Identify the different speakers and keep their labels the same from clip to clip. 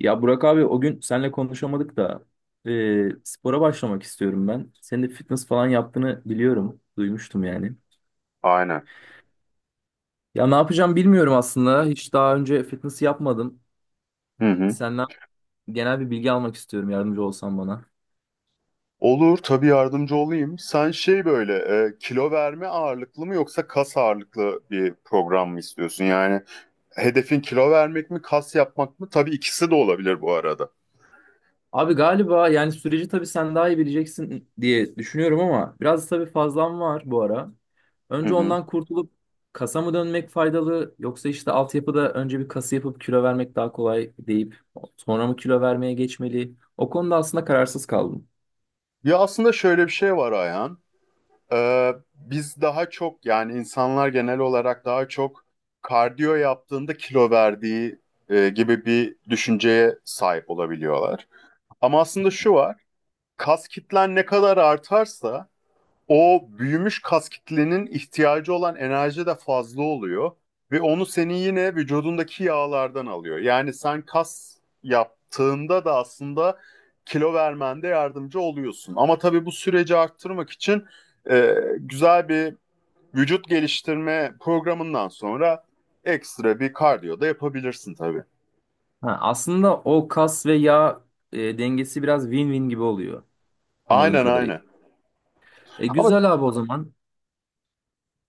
Speaker 1: Ya Burak abi o gün seninle konuşamadık da spora başlamak istiyorum ben. Senin de fitness falan yaptığını biliyorum. Duymuştum yani.
Speaker 2: Aynen.
Speaker 1: Ya ne yapacağım bilmiyorum aslında. Hiç daha önce fitness yapmadım.
Speaker 2: Hı hı.
Speaker 1: Senden genel bir bilgi almak istiyorum. Yardımcı olsan bana.
Speaker 2: Olur tabii yardımcı olayım. Sen şey böyle kilo verme ağırlıklı mı yoksa kas ağırlıklı bir program mı istiyorsun? Yani hedefin kilo vermek mi kas yapmak mı? Tabii ikisi de olabilir bu arada.
Speaker 1: Abi galiba yani süreci tabii sen daha iyi bileceksin diye düşünüyorum ama biraz tabii fazlam var bu ara.
Speaker 2: Hı
Speaker 1: Önce
Speaker 2: hı.
Speaker 1: ondan kurtulup kasa mı dönmek faydalı yoksa işte altyapıda önce bir kası yapıp kilo vermek daha kolay deyip sonra mı kilo vermeye geçmeli? O konuda aslında kararsız kaldım.
Speaker 2: Ya aslında şöyle bir şey var Ayhan. Biz daha çok yani insanlar genel olarak daha çok kardiyo yaptığında kilo verdiği gibi bir düşünceye sahip olabiliyorlar. Ama aslında şu var. Kas kitlen ne kadar artarsa o büyümüş kas kitlenin ihtiyacı olan enerji de fazla oluyor ve onu senin yine vücudundaki yağlardan alıyor. Yani sen kas yaptığında da aslında kilo vermende yardımcı oluyorsun. Ama tabii bu süreci arttırmak için e, güzel bir vücut geliştirme programından sonra ekstra bir kardiyo da yapabilirsin tabii.
Speaker 1: Ha, aslında o kas ve yağ dengesi biraz win-win gibi oluyor anladığım
Speaker 2: Aynen
Speaker 1: kadarıyla.
Speaker 2: aynen.
Speaker 1: E
Speaker 2: Ama
Speaker 1: güzel abi o zaman.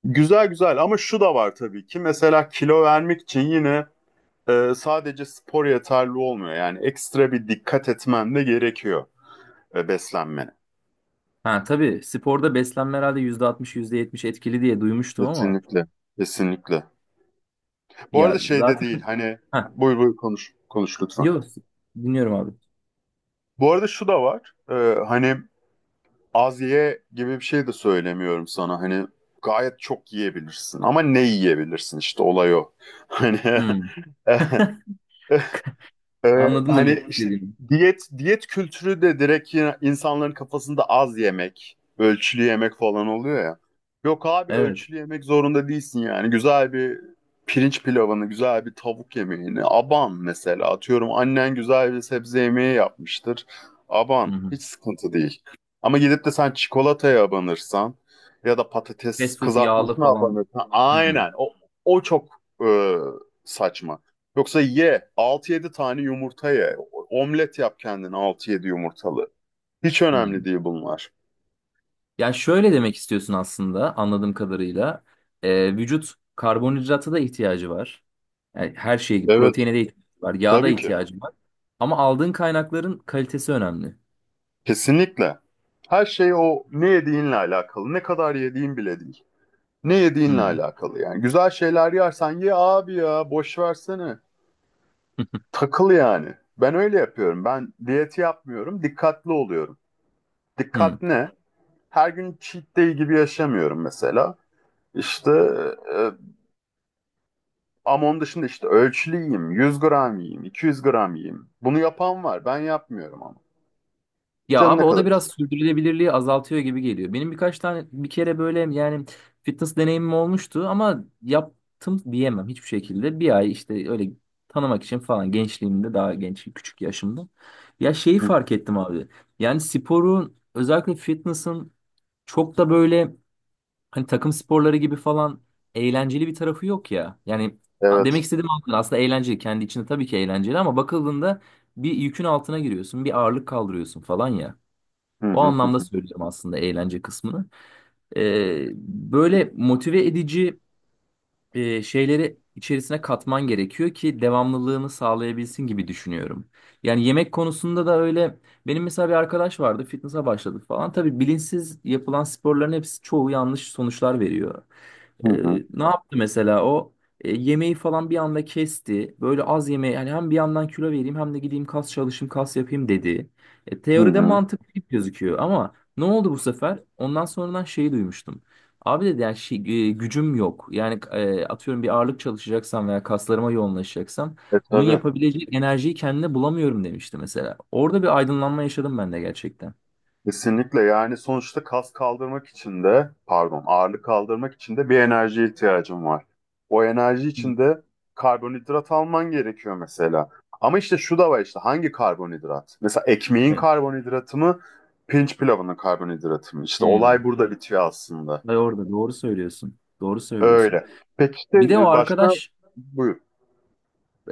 Speaker 2: güzel güzel ama şu da var tabii ki, mesela kilo vermek için yine sadece spor yeterli olmuyor. Yani ekstra bir dikkat etmen de gerekiyor beslenmene.
Speaker 1: Ha tabii sporda beslenme herhalde %60 %70 etkili diye duymuştum ama
Speaker 2: Kesinlikle. Kesinlikle. Bu
Speaker 1: ya
Speaker 2: arada şey de değil
Speaker 1: zaten
Speaker 2: hani, buyur buyur, konuş konuş lütfen.
Speaker 1: Yok, dinliyorum abi.
Speaker 2: Bu arada şu da var. Hani az ye gibi bir şey de söylemiyorum sana. Hani gayet çok yiyebilirsin ama ne yiyebilirsin, işte olay o. Hani
Speaker 1: Hmm, anladım demek
Speaker 2: Hani işte
Speaker 1: istediğini.
Speaker 2: diyet diyet kültürü de direkt yine insanların kafasında az yemek, ölçülü yemek falan oluyor ya. Yok abi,
Speaker 1: Evet.
Speaker 2: ölçülü yemek zorunda değilsin yani. Güzel bir pirinç pilavını, güzel bir tavuk yemeğini, aban. Mesela atıyorum, annen güzel bir sebze yemeği yapmıştır.
Speaker 1: Hı
Speaker 2: Aban,
Speaker 1: hı.
Speaker 2: hiç sıkıntı değil. Ama gidip de sen çikolataya abanırsan ya da patates
Speaker 1: Fast food yağlı
Speaker 2: kızartmasına
Speaker 1: falan.
Speaker 2: abanırsan,
Speaker 1: Hmm,
Speaker 2: aynen o çok e, saçma. Yoksa ye, altı yedi tane yumurta ye. Omlet yap kendine altı yedi yumurtalı. Hiç
Speaker 1: hmm.
Speaker 2: önemli değil bunlar.
Speaker 1: Ya şöyle demek istiyorsun aslında anladığım kadarıyla. Vücut karbonhidrata da ihtiyacı var. Yani her şeye, gibi,
Speaker 2: Evet.
Speaker 1: proteine de ihtiyacı var, yağa da
Speaker 2: Tabii ki.
Speaker 1: ihtiyacı var. Ama aldığın kaynakların kalitesi önemli.
Speaker 2: Kesinlikle. Her şey o ne yediğinle alakalı. Ne kadar yediğin bile değil. Ne yediğinle
Speaker 1: Hmm.
Speaker 2: alakalı yani. Güzel şeyler yersen ye abi, ya boş versene. Takıl yani. Ben öyle yapıyorum. Ben diyeti yapmıyorum, dikkatli oluyorum.
Speaker 1: Hmm.
Speaker 2: Dikkat ne? Her gün cheat day gibi yaşamıyorum mesela. İşte. e, Ama onun dışında işte ölçülü yiyeyim, 100 gram yiyeyim, 200 gram yiyeyim. Bunu yapan var. Ben yapmıyorum ama.
Speaker 1: Ya
Speaker 2: Canım
Speaker 1: abi
Speaker 2: ne
Speaker 1: o
Speaker 2: kadar
Speaker 1: da biraz
Speaker 2: ki.
Speaker 1: sürdürülebilirliği azaltıyor gibi geliyor. Benim birkaç tane bir kere böyle yani fitness deneyimim olmuştu ama yaptım diyemem hiçbir şekilde. Bir ay işte öyle tanımak için falan gençliğimde daha genç küçük yaşımda. Ya şeyi fark ettim abi. Yani sporun özellikle fitness'ın çok da böyle hani takım sporları gibi falan eğlenceli bir tarafı yok ya. Yani demek
Speaker 2: Evet.
Speaker 1: istediğim aslında eğlenceli kendi içinde tabii ki eğlenceli ama bakıldığında bir yükün altına giriyorsun, bir ağırlık kaldırıyorsun falan ya.
Speaker 2: Hı
Speaker 1: O
Speaker 2: hı hı
Speaker 1: anlamda söyleyeceğim aslında eğlence kısmını. Ee, böyle motive edici şeyleri içerisine katman gerekiyor ki devamlılığını sağlayabilsin gibi düşünüyorum. Yani yemek konusunda da öyle. Benim mesela bir arkadaş vardı, fitness'a başladı falan. Tabii bilinçsiz yapılan sporların hepsi çoğu yanlış sonuçlar veriyor.
Speaker 2: hı hı
Speaker 1: Ne yaptı mesela o? Yemeği falan bir anda kesti. Böyle az yemeği yani hem bir yandan kilo vereyim hem de gideyim kas çalışayım kas yapayım dedi.
Speaker 2: hı.
Speaker 1: Teoride
Speaker 2: Hı.
Speaker 1: mantıklı gibi gözüküyor ama ne oldu bu sefer? Ondan sonradan şeyi duymuştum. Abi dedi yani şey, gücüm yok. Yani atıyorum bir ağırlık çalışacaksam veya kaslarıma yoğunlaşacaksam
Speaker 2: E
Speaker 1: bunun
Speaker 2: tabii.
Speaker 1: yapabileceği enerjiyi kendine bulamıyorum demişti mesela. Orada bir aydınlanma yaşadım ben de gerçekten.
Speaker 2: Kesinlikle, yani sonuçta kas kaldırmak için de, pardon, ağırlık kaldırmak için de bir enerjiye ihtiyacım var. O enerji için de karbonhidrat alman gerekiyor mesela. Ama işte şu da var, işte hangi karbonhidrat? Mesela ekmeğin
Speaker 1: Evet.
Speaker 2: karbonhidratı mı, pirinç pilavının karbonhidratı mı? İşte
Speaker 1: Hmm.
Speaker 2: olay burada bitiyor aslında.
Speaker 1: Ve orada doğru söylüyorsun. Doğru söylüyorsun.
Speaker 2: Öyle. Peki işte
Speaker 1: Bir de o
Speaker 2: başka.
Speaker 1: arkadaş
Speaker 2: Buyur.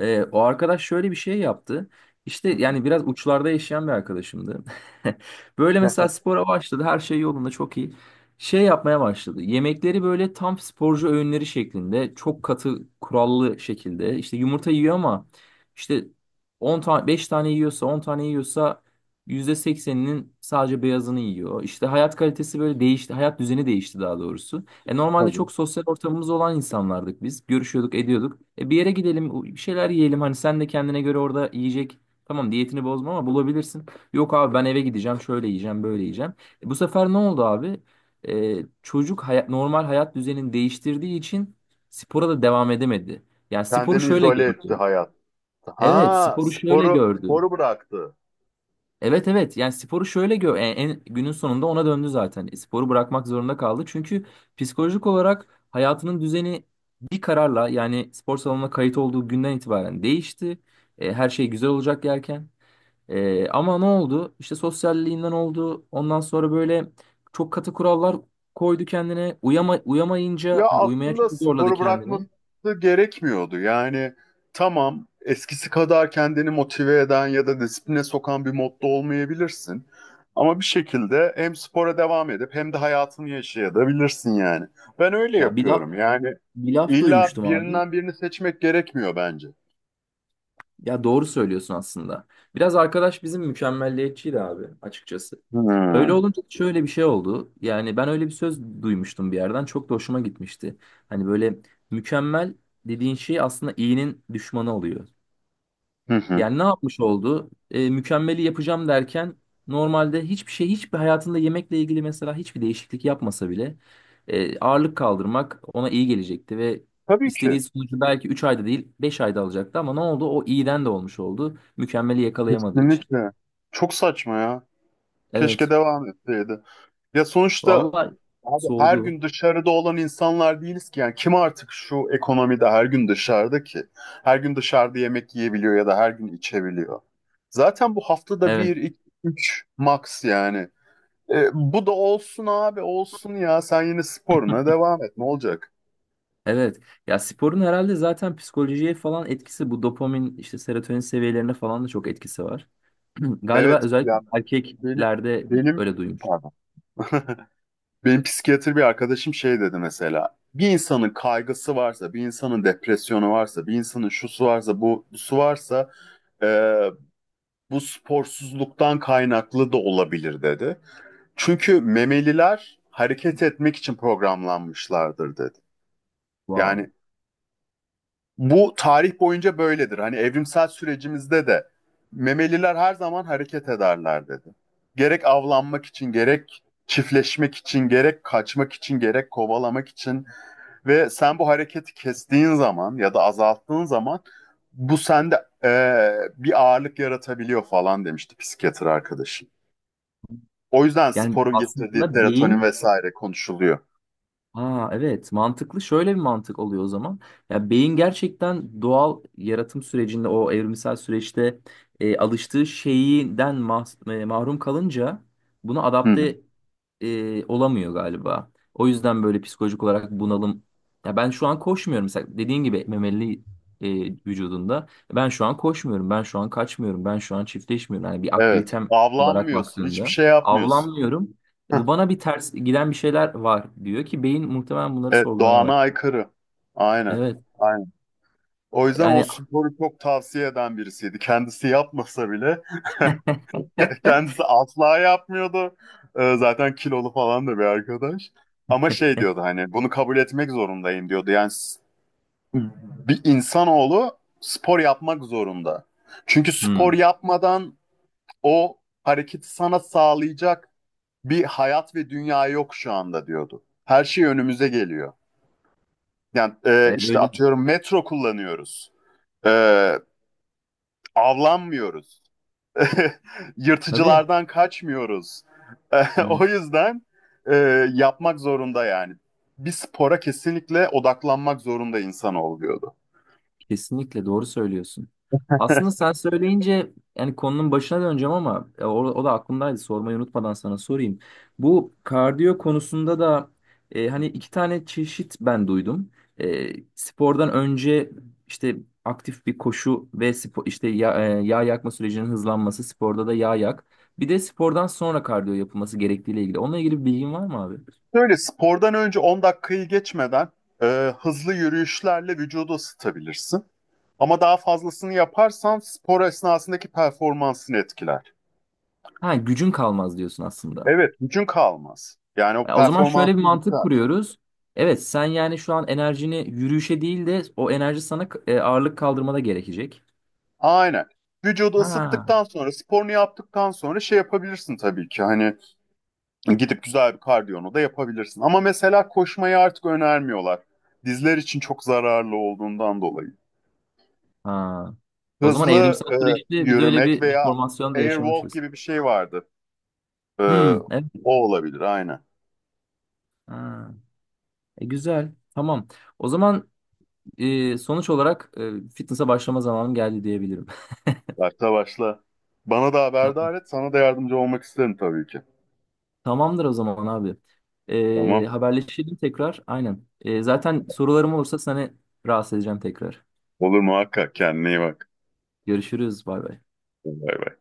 Speaker 1: O arkadaş şöyle bir şey yaptı. İşte yani biraz uçlarda yaşayan bir arkadaşımdı. Böyle mesela spora başladı. Her şey yolunda çok iyi. Şey yapmaya başladı. Yemekleri böyle tam sporcu öğünleri şeklinde. Çok katı kurallı şekilde. İşte yumurta yiyor ama işte 10 tane 5 tane yiyorsa 10 tane yiyorsa %80'inin sadece beyazını yiyor. İşte hayat kalitesi böyle değişti. Hayat düzeni değişti daha doğrusu. E normalde çok sosyal ortamımız olan insanlardık biz. Görüşüyorduk, ediyorduk. E bir yere gidelim, bir şeyler yiyelim. Hani sen de kendine göre orada yiyecek. Tamam diyetini bozma ama bulabilirsin. Yok abi ben eve gideceğim, şöyle yiyeceğim, böyle yiyeceğim. E bu sefer ne oldu abi? Çocuk hayat, normal hayat düzenini değiştirdiği için spora da devam edemedi. Yani sporu
Speaker 2: Kendini
Speaker 1: şöyle
Speaker 2: izole etti
Speaker 1: gördü.
Speaker 2: hayatta. Ha,
Speaker 1: Evet, sporu şöyle
Speaker 2: sporu
Speaker 1: gördü.
Speaker 2: sporu bıraktı.
Speaker 1: Evet evet yani sporu şöyle günün sonunda ona döndü zaten. Sporu bırakmak zorunda kaldı. Çünkü psikolojik olarak hayatının düzeni bir kararla yani spor salonuna kayıt olduğu günden itibaren değişti. Her şey güzel olacak derken. Ama ne oldu? İşte sosyalliğinden oldu. Ondan sonra böyle çok katı kurallar koydu kendine. Uyama,
Speaker 2: Ya
Speaker 1: uyamayınca hani uyumaya çok
Speaker 2: aslında
Speaker 1: zorladı
Speaker 2: sporu bırakması
Speaker 1: kendini.
Speaker 2: gerekmiyordu. Yani tamam, eskisi kadar kendini motive eden ya da disipline sokan bir modda olmayabilirsin. Ama bir şekilde hem spora devam edip hem de hayatını yaşayabilirsin yani. Ben öyle
Speaker 1: Ya bir laf,
Speaker 2: yapıyorum. Yani
Speaker 1: bir laf
Speaker 2: illa
Speaker 1: duymuştum abi.
Speaker 2: birinden birini seçmek gerekmiyor bence.
Speaker 1: Ya doğru söylüyorsun aslında. Biraz arkadaş bizim mükemmelliyetçiydi abi açıkçası. Öyle
Speaker 2: Hmm.
Speaker 1: olunca şöyle bir şey oldu. Yani ben öyle bir söz duymuştum bir yerden. Çok da hoşuma gitmişti. Hani böyle mükemmel dediğin şey aslında iyinin düşmanı oluyor.
Speaker 2: Hı hı.
Speaker 1: Yani ne yapmış oldu? Mükemmeli yapacağım derken normalde hiçbir şey, hiçbir hayatında yemekle ilgili mesela hiçbir değişiklik yapmasa bile ağırlık kaldırmak ona iyi gelecekti ve
Speaker 2: Tabii ki.
Speaker 1: istediği sonucu belki 3 ayda değil 5 ayda alacaktı ama ne oldu? O iyiden de olmuş oldu. Mükemmeli yakalayamadığı için.
Speaker 2: Kesinlikle. Çok saçma ya. Keşke
Speaker 1: Evet.
Speaker 2: devam etseydi. Ya sonuçta
Speaker 1: Vallahi
Speaker 2: abi, her
Speaker 1: soğudu.
Speaker 2: gün dışarıda olan insanlar değiliz ki. Yani kim artık şu ekonomide her gün dışarıda ki? Her gün dışarıda yemek yiyebiliyor ya da her gün içebiliyor. Zaten bu haftada
Speaker 1: Evet.
Speaker 2: bir, iki, üç max yani. E, bu da olsun abi, olsun ya. Sen yine sporuna devam et. Ne olacak?
Speaker 1: Evet. Ya sporun herhalde zaten psikolojiye falan etkisi bu dopamin işte serotonin seviyelerine falan da çok etkisi var. Galiba
Speaker 2: Evet
Speaker 1: özellikle
Speaker 2: yani, benim
Speaker 1: erkeklerde
Speaker 2: benim
Speaker 1: öyle duymuş.
Speaker 2: pardon. Benim psikiyatr bir arkadaşım şey dedi mesela. Bir insanın kaygısı varsa, bir insanın depresyonu varsa, bir insanın şusu varsa, bu su varsa, e, bu sporsuzluktan kaynaklı da olabilir dedi. Çünkü memeliler hareket etmek için programlanmışlardır dedi.
Speaker 1: Wow.
Speaker 2: Yani bu tarih boyunca böyledir. Hani evrimsel sürecimizde de memeliler her zaman hareket ederler dedi. Gerek avlanmak için, gerek çiftleşmek için, gerek kaçmak için, gerek kovalamak için. Ve sen bu hareketi kestiğin zaman ya da azalttığın zaman bu sende bir ağırlık yaratabiliyor falan demişti psikiyatr arkadaşım. O yüzden
Speaker 1: Yani
Speaker 2: sporun getirdiği
Speaker 1: aslında
Speaker 2: serotonin
Speaker 1: beyin.
Speaker 2: vesaire konuşuluyor.
Speaker 1: Aa, evet mantıklı şöyle bir mantık oluyor o zaman. Ya beyin gerçekten doğal yaratım sürecinde o evrimsel süreçte alıştığı şeyden mahrum kalınca buna
Speaker 2: Hı hı.
Speaker 1: adapte olamıyor galiba. O yüzden böyle psikolojik olarak bunalım. Ya ben şu an koşmuyorum mesela dediğin gibi memeli e, vücudunda. Ben şu an koşmuyorum, ben şu an kaçmıyorum, ben şu an çiftleşmiyorum. Yani bir
Speaker 2: Evet,
Speaker 1: aktivitem olarak
Speaker 2: avlanmıyorsun, hiçbir
Speaker 1: baktığında
Speaker 2: şey yapmıyorsun.
Speaker 1: avlanmıyorum. Bu bana bir ters giden bir şeyler var diyor ki beyin muhtemelen bunları
Speaker 2: Evet,
Speaker 1: sorgulamaya
Speaker 2: doğana
Speaker 1: var.
Speaker 2: aykırı. Aynen.
Speaker 1: Evet.
Speaker 2: Aynen. O yüzden o,
Speaker 1: Yani.
Speaker 2: sporu çok tavsiye eden birisiydi. Kendisi yapmasa bile. Kendisi asla yapmıyordu. Zaten kilolu falan da bir arkadaş. Ama şey diyordu, hani bunu kabul etmek zorundayım diyordu. Yani bir insanoğlu spor yapmak zorunda. Çünkü spor
Speaker 1: Hmm.
Speaker 2: yapmadan o hareketi sana sağlayacak bir hayat ve dünya yok şu anda diyordu. Her şey önümüze geliyor. Yani
Speaker 1: Evet,
Speaker 2: işte
Speaker 1: öyle.
Speaker 2: atıyorum, metro kullanıyoruz. E, avlanmıyoruz.
Speaker 1: Tabii.
Speaker 2: Yırtıcılardan kaçmıyoruz. O
Speaker 1: Evet.
Speaker 2: yüzden e, yapmak zorunda yani. Bir spora kesinlikle odaklanmak zorunda insan oluyordu.
Speaker 1: Kesinlikle doğru söylüyorsun. Aslında sen söyleyince yani konunun başına döneceğim ama o da aklımdaydı sormayı unutmadan sana sorayım. Bu kardiyo konusunda da hani iki tane çeşit ben duydum. Spordan önce işte aktif bir koşu ve spor, işte ya, yağ yakma sürecinin hızlanması sporda da yağ yak. Bir de spordan sonra kardiyo yapılması gerektiğiyle ilgili. Onunla ilgili bir bilgin var mı abi?
Speaker 2: Böyle, spordan önce 10 dakikayı geçmeden e, hızlı yürüyüşlerle vücudu ısıtabilirsin. Ama daha fazlasını yaparsan spor esnasındaki performansını etkiler.
Speaker 1: Ha gücün kalmaz diyorsun aslında.
Speaker 2: Evet, gücün kalmaz. Yani o
Speaker 1: Ya o zaman şöyle bir
Speaker 2: performansın
Speaker 1: mantık
Speaker 2: biter.
Speaker 1: kuruyoruz. Evet, sen yani şu an enerjini yürüyüşe değil de o enerji sana ağırlık kaldırmada gerekecek.
Speaker 2: Aynen. Vücudu
Speaker 1: Ha.
Speaker 2: ısıttıktan sonra, sporunu yaptıktan sonra şey yapabilirsin tabii ki. Hani gidip güzel bir kardiyonu da yapabilirsin. Ama mesela koşmayı artık önermiyorlar. Dizler için çok zararlı olduğundan dolayı.
Speaker 1: Ha. O zaman
Speaker 2: Hızlı
Speaker 1: evrimsel süreçte biz öyle
Speaker 2: yürümek
Speaker 1: bir
Speaker 2: veya
Speaker 1: deformasyon da
Speaker 2: airwalk
Speaker 1: yaşamışız.
Speaker 2: gibi bir şey vardı. E,
Speaker 1: Hmm, evet.
Speaker 2: o olabilir aynen.
Speaker 1: Ha. E, güzel. Tamam. O zaman sonuç olarak fitness'a başlama zamanım geldi diyebilirim.
Speaker 2: Başla başla. Bana da
Speaker 1: Tamam.
Speaker 2: haberdar et. Sana da yardımcı olmak isterim tabii ki.
Speaker 1: Tamamdır o zaman abi.
Speaker 2: Tamam.
Speaker 1: Haberleşelim tekrar. Aynen. Zaten sorularım olursa seni rahatsız edeceğim tekrar.
Speaker 2: Olur muhakkak. Kendine iyi bak.
Speaker 1: Görüşürüz. Bay bay.
Speaker 2: Bay bay.